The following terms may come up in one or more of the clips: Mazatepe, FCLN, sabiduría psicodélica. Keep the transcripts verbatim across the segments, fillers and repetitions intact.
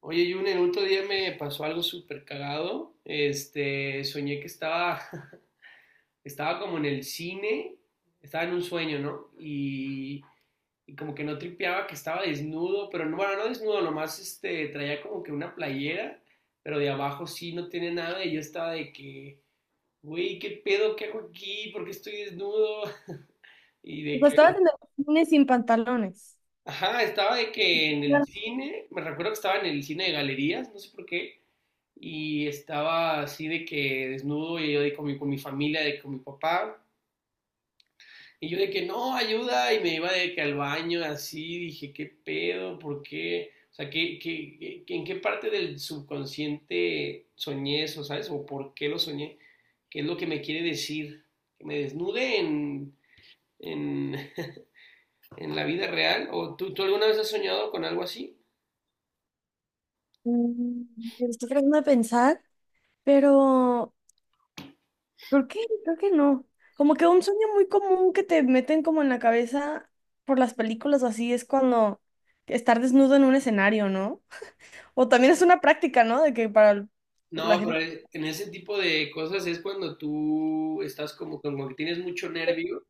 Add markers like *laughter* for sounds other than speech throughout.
Oye, Jun, el otro día me pasó algo súper cagado. Este, soñé que estaba, *laughs* estaba como en el cine, estaba en un sueño, ¿no? Y, y como que no tripeaba que estaba desnudo, pero no, bueno, no desnudo, nomás este, traía como que una playera, pero de abajo sí no tiene nada. Y yo estaba de que, Güey, ¿qué pedo? ¿Qué hago aquí? ¿Por qué estoy desnudo? *laughs* Y de que, Costaba tener cine sin pantalones. ajá, estaba de que en el Ah, cine, me recuerdo que estaba en el cine de galerías, no sé por qué. Y estaba así de que desnudo y yo de con mi, con mi familia, de con mi papá. Y yo de que no, ayuda, y me iba de que al baño así, dije, ¿qué pedo? ¿Por qué? O sea, ¿qué, qué, qué- en qué parte del subconsciente soñé eso, ¿sabes? ¿O por qué lo soñé? ¿Qué es lo que me quiere decir? ¿Que me desnude en, en, *laughs* en la vida real? ¿O tú, tú alguna vez has soñado con algo así? mm, estoy tratando de pensar, pero creo que, creo que no. Como que un sueño muy común que te meten como en la cabeza por las películas o así es cuando estar desnudo en un escenario, ¿no? O también es una práctica, ¿no? De que para el- La No, gente... pero en ese tipo de cosas es cuando tú estás como, como que tienes mucho nervio.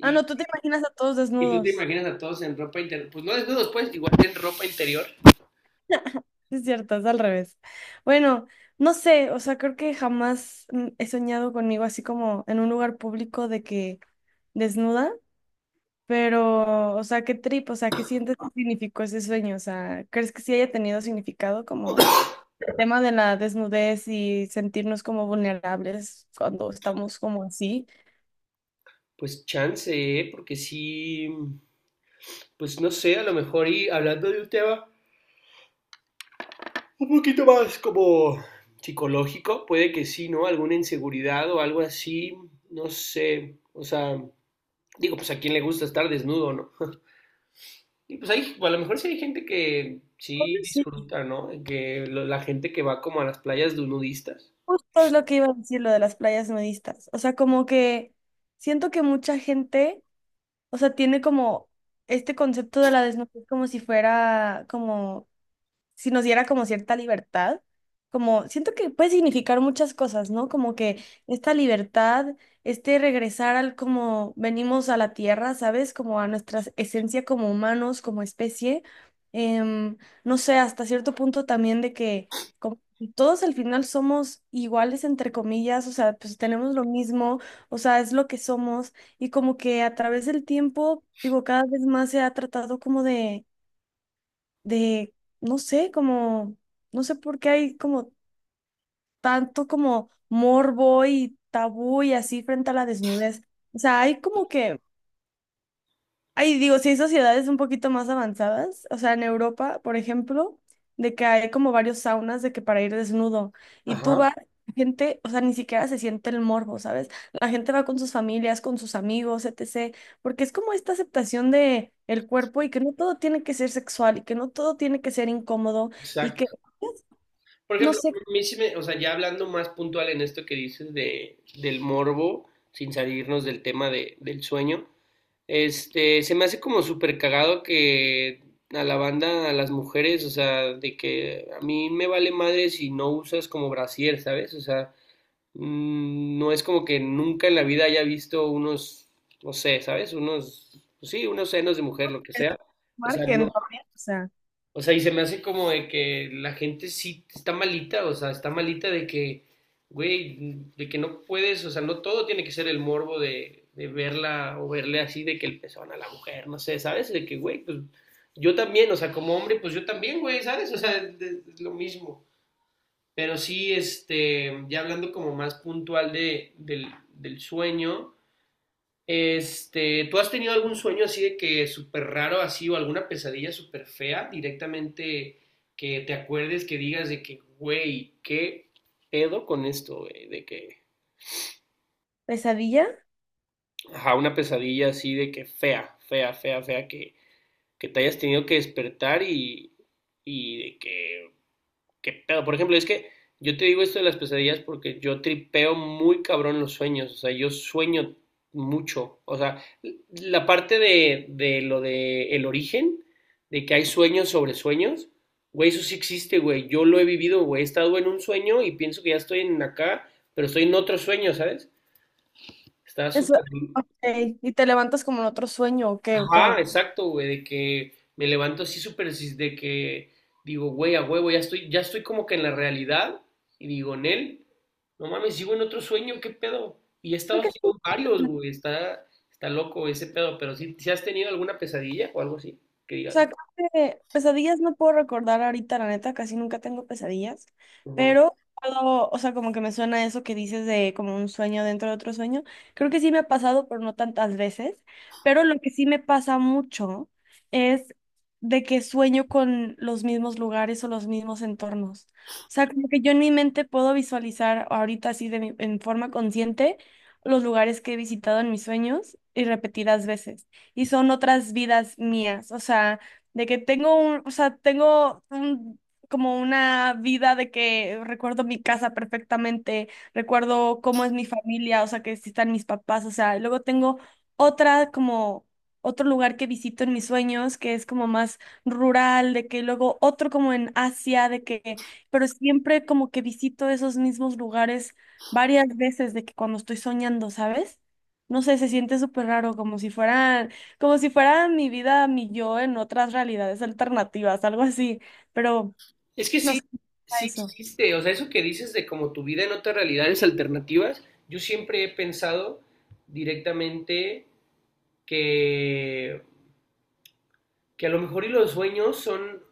Ah, no, tú te imaginas a todos y tú te desnudos. imaginas a todos en ropa interior, pues no desnudos, pues igual en ropa interior. Sí, es cierto, es al revés. Bueno, no sé, o sea, creo que jamás mm, he soñado conmigo así como en un lugar público de que desnuda. Pero, o sea, qué trip, o sea, ¿qué sientes que significó ese sueño? O sea, ¿crees que sí haya tenido significado como tema de la desnudez y sentirnos como vulnerables cuando estamos como así? Pues chance, ¿eh? Porque sí, pues no sé, a lo mejor y hablando de un tema un poquito más como psicológico, puede que sí, ¿no? Alguna inseguridad o algo así, no sé, o sea, digo, pues a quién le gusta estar desnudo, ¿no? Y pues ahí, a lo mejor sí hay gente que sí Bueno, sí. disfruta, ¿no? Que lo- la gente que va como a las playas de nudistas. Justo es lo que iba a decir, lo de las playas nudistas. O sea, como que siento que mucha gente, o sea, tiene como este concepto de la desnudez como si fuera como si nos diera como cierta libertad, como siento que puede significar muchas cosas, ¿no? Como que esta libertad, este regresar al como venimos a la tierra, ¿sabes? Como a nuestra esencia como humanos, como especie. Em, no sé, hasta cierto punto también de que como todos al final somos iguales, entre comillas, o sea, pues tenemos lo mismo, o sea, es lo que somos y como que a través del tiempo, digo, cada vez más se ha tratado como de de, no sé, como, no sé por qué hay como tanto como morbo y tabú y así frente a la desnudez. O sea, hay como que, ahí digo, sí hay sociedades un poquito más avanzadas, o sea, en Europa, por ejemplo, de que hay como varios saunas de que para ir desnudo y tú Ajá, vas... la gente, o sea, ni siquiera se siente el morbo, ¿sabes? La gente va con sus familias, con sus amigos, etcétera. Porque es como esta aceptación de el cuerpo y que no todo tiene que ser sexual y que no todo tiene que ser incómodo y que por no ejemplo, sé a mí sí me- o sea, ya hablando más puntual en esto que dices de, del morbo, sin salirnos del tema de, del sueño, este, se me hace como súper cagado que a la banda, a las mujeres, o sea, de que a mí me vale madre si no usas como brasier, ¿sabes? O sea, mm, no es como que nunca en la vida haya visto unos, no sé, ¿sabes? Unos, pues sí, unos senos de mujer, lo que sea. O sea, marquen no, dormir, o sea, o sea, y se me hace como de que la gente sí está malita, o sea, está malita de que, güey, de que no puedes, o sea, no todo tiene que ser el morbo de, de verla o verle así, de que el pezón a la mujer, no sé, ¿sabes? De que, güey, pues yo también, o sea, como hombre, pues yo también, güey, ¿sabes? O sea, es es lo mismo. Pero sí, este, ya hablando como más puntual de, del, del sueño, este, ¿tú has tenido algún sueño así de que súper raro así o alguna pesadilla súper fea directamente que te acuerdes que digas de que, güey, qué pedo con esto, güey? De que, pesadilla. ajá, una pesadilla así de que fea, fea, fea, fea, que, que te hayas tenido que despertar y, y de que, qué pedo. Por ejemplo, es que yo te digo esto de las pesadillas porque yo tripeo muy cabrón los sueños. O sea, yo sueño mucho. O sea, la parte de, de lo de el origen, de que hay sueños sobre sueños, güey, eso sí existe, güey. Yo lo he vivido, güey. He estado en un sueño y pienso que ya estoy en acá, pero estoy en otro sueño, ¿sabes? Está Eso, súper. ok. ¿Y te levantas como en otro sueño o qué? ¿O Ajá, cómo? exacto, güey, de que me levanto así súper, así de que digo, güey, a huevo, ya estoy, ya estoy como que en la realidad, y digo, Nel, no mames, sigo en otro sueño, qué pedo, y he Creo estado que así sí. con varios, güey, está, está loco ese pedo, pero si has tenido alguna pesadilla o algo así, que O sea, digas, creo que pesadillas no puedo recordar ahorita, la neta, casi nunca tengo pesadillas, ujú. pero puedo, o sea, como que me suena eso que dices de como un sueño dentro de otro sueño. Creo que sí me ha pasado, pero no tantas veces, pero lo que sí me pasa mucho es de que sueño con los mismos lugares o los mismos entornos. O sea, como que yo en mi mente puedo visualizar ahorita así de mi- en forma consciente los lugares que he visitado en mis sueños y repetidas veces y son otras vidas mías. O sea, de que tengo un, o sea, tengo un, como una vida de que recuerdo mi casa perfectamente, recuerdo cómo es mi familia, o sea, que si están mis papás, o sea, y luego tengo otra como otro lugar que visito en mis sueños, que es como más rural, de que luego otro como en Asia, de que, pero siempre como que visito esos mismos lugares varias veces de que cuando estoy soñando, ¿sabes? No sé, se siente súper raro, como si fueran como si fuera mi vida, mi yo en otras realidades alternativas, algo así, pero Es que no sí, sé, sí eso. existe, o sea, eso que dices de como tu vida en otras realidades alternativas, yo siempre he pensado directamente que que a lo mejor y los sueños son,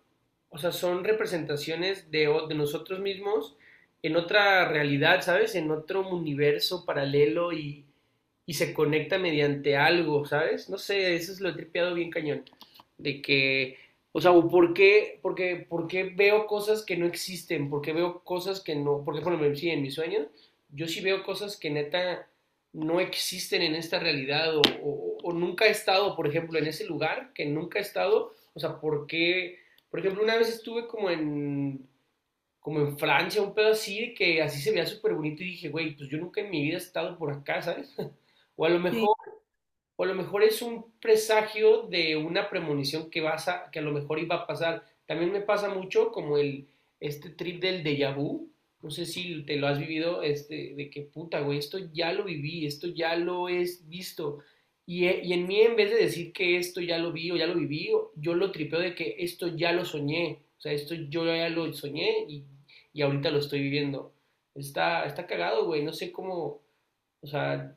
o sea, son representaciones de, de nosotros mismos en otra realidad, ¿sabes? En otro universo paralelo y, y se conecta mediante algo, ¿sabes? No sé, eso es lo he tripeado bien cañón. De que, o sea, o ¿por qué, porque, por qué veo cosas que no existen? ¿Por qué veo cosas que no? Porque, por ejemplo, sí, en mis sueños, yo sí veo cosas que neta no existen en esta realidad o, o, o nunca he estado, por ejemplo, en ese lugar que nunca he estado. O sea, ¿por qué? Por ejemplo, una vez estuve como en, como en Francia, un pedo así, que así se veía súper bonito y dije, güey, pues yo nunca en mi vida he estado por acá, ¿sabes? *laughs* O a lo Sí, mejor o a lo mejor es un presagio de una premonición que vas a, que a lo mejor iba a pasar. También me pasa mucho como el, este trip del déjà vu, no sé si te lo has vivido, este, de que puta, güey, esto ya lo viví, esto ya lo he visto. Y, e- y en mí, en vez de decir que esto ya lo vi o ya lo viví, o- yo lo tripeo de que esto ya lo soñé. O sea, esto yo ya lo soñé y, y ahorita lo estoy viviendo. Está, está cagado, güey. No sé cómo, o sea,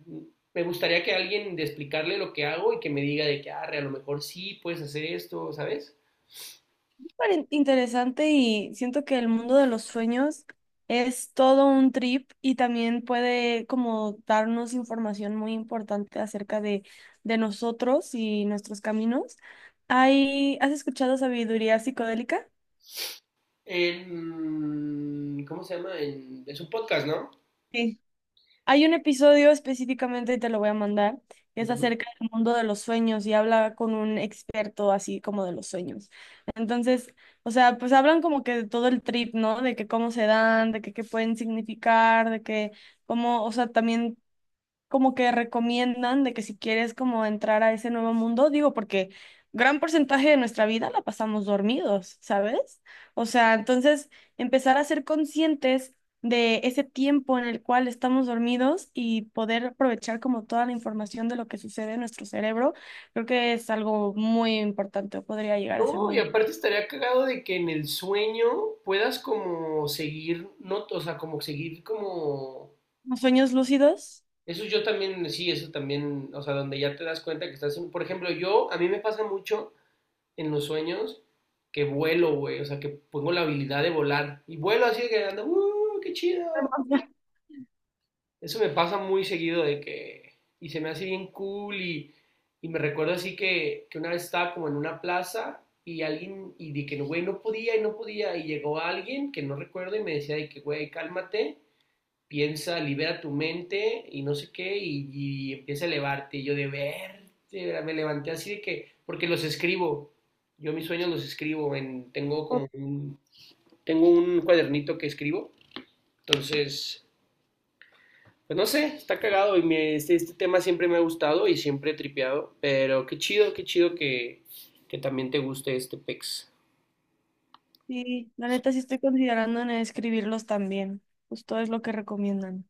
me gustaría que alguien de explicarle lo que hago y que me diga de que, arre, a lo mejor sí puedes hacer esto, ¿sabes? súper in- interesante y siento que el mundo de los sueños es todo un trip y también puede como darnos información muy importante acerca de, de nosotros y nuestros caminos. Hay, ¿has escuchado sabiduría psicodélica? En, ¿cómo se llama? En, es un podcast, ¿no? Sí, hay un episodio específicamente, te lo voy a mandar, que es Ujú. acerca del mundo de los sueños y habla con un experto así como de los sueños. Entonces, o sea, pues hablan como que de todo el trip, ¿no? De que cómo se dan, de que qué pueden significar, de que cómo, o sea, también como que recomiendan de que si quieres como entrar a ese nuevo mundo, digo, porque gran porcentaje de nuestra vida la pasamos dormidos, ¿sabes? O sea, entonces empezar a ser conscientes de ese tiempo en el cual estamos dormidos y poder aprovechar como toda la información de lo que sucede en nuestro cerebro, creo que es algo muy importante o podría llegar a ser No, muy y importante. aparte estaría cagado de que en el sueño puedas como seguir, no, o sea, como seguir como... ¿Los sueños lúcidos? Eso yo también, sí, eso también, o sea, donde ya te das cuenta que estás en... Por ejemplo, yo, a mí me pasa mucho en los sueños que vuelo, güey. O sea, que pongo la habilidad de volar. Y vuelo así de que ando, ¡uh, qué chido! *laughs* Eso me pasa muy seguido de que... Y se me hace bien cool y, y me recuerdo así que, que una vez estaba como en una plaza y alguien... Y de que, "No, güey, no podía y no podía. Y llegó alguien que no recuerdo y me decía de que, güey, cálmate piensa, libera tu mente y no sé qué, y, y empieza a elevarte. Y yo de verte, me levanté así de que, porque los escribo, yo mis sueños los escribo, en, tengo como un, tengo un cuadernito que escribo, entonces, pues no sé, está cagado y me- este, este tema siempre me ha gustado y siempre he tripeado, pero qué chido, qué chido que, que también te guste este pex. Sí, la neta sí estoy considerando en escribirlos también. Justo es lo que recomiendan.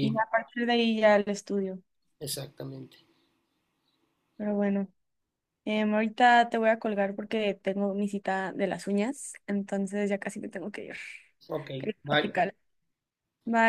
Y a partir de ahí ya el estudio. exactamente. Pero bueno, em, ahorita te voy a colgar porque tengo mi cita de las uñas, entonces ya casi me tengo que ir. Ok, Quería bye. platicar. Bye.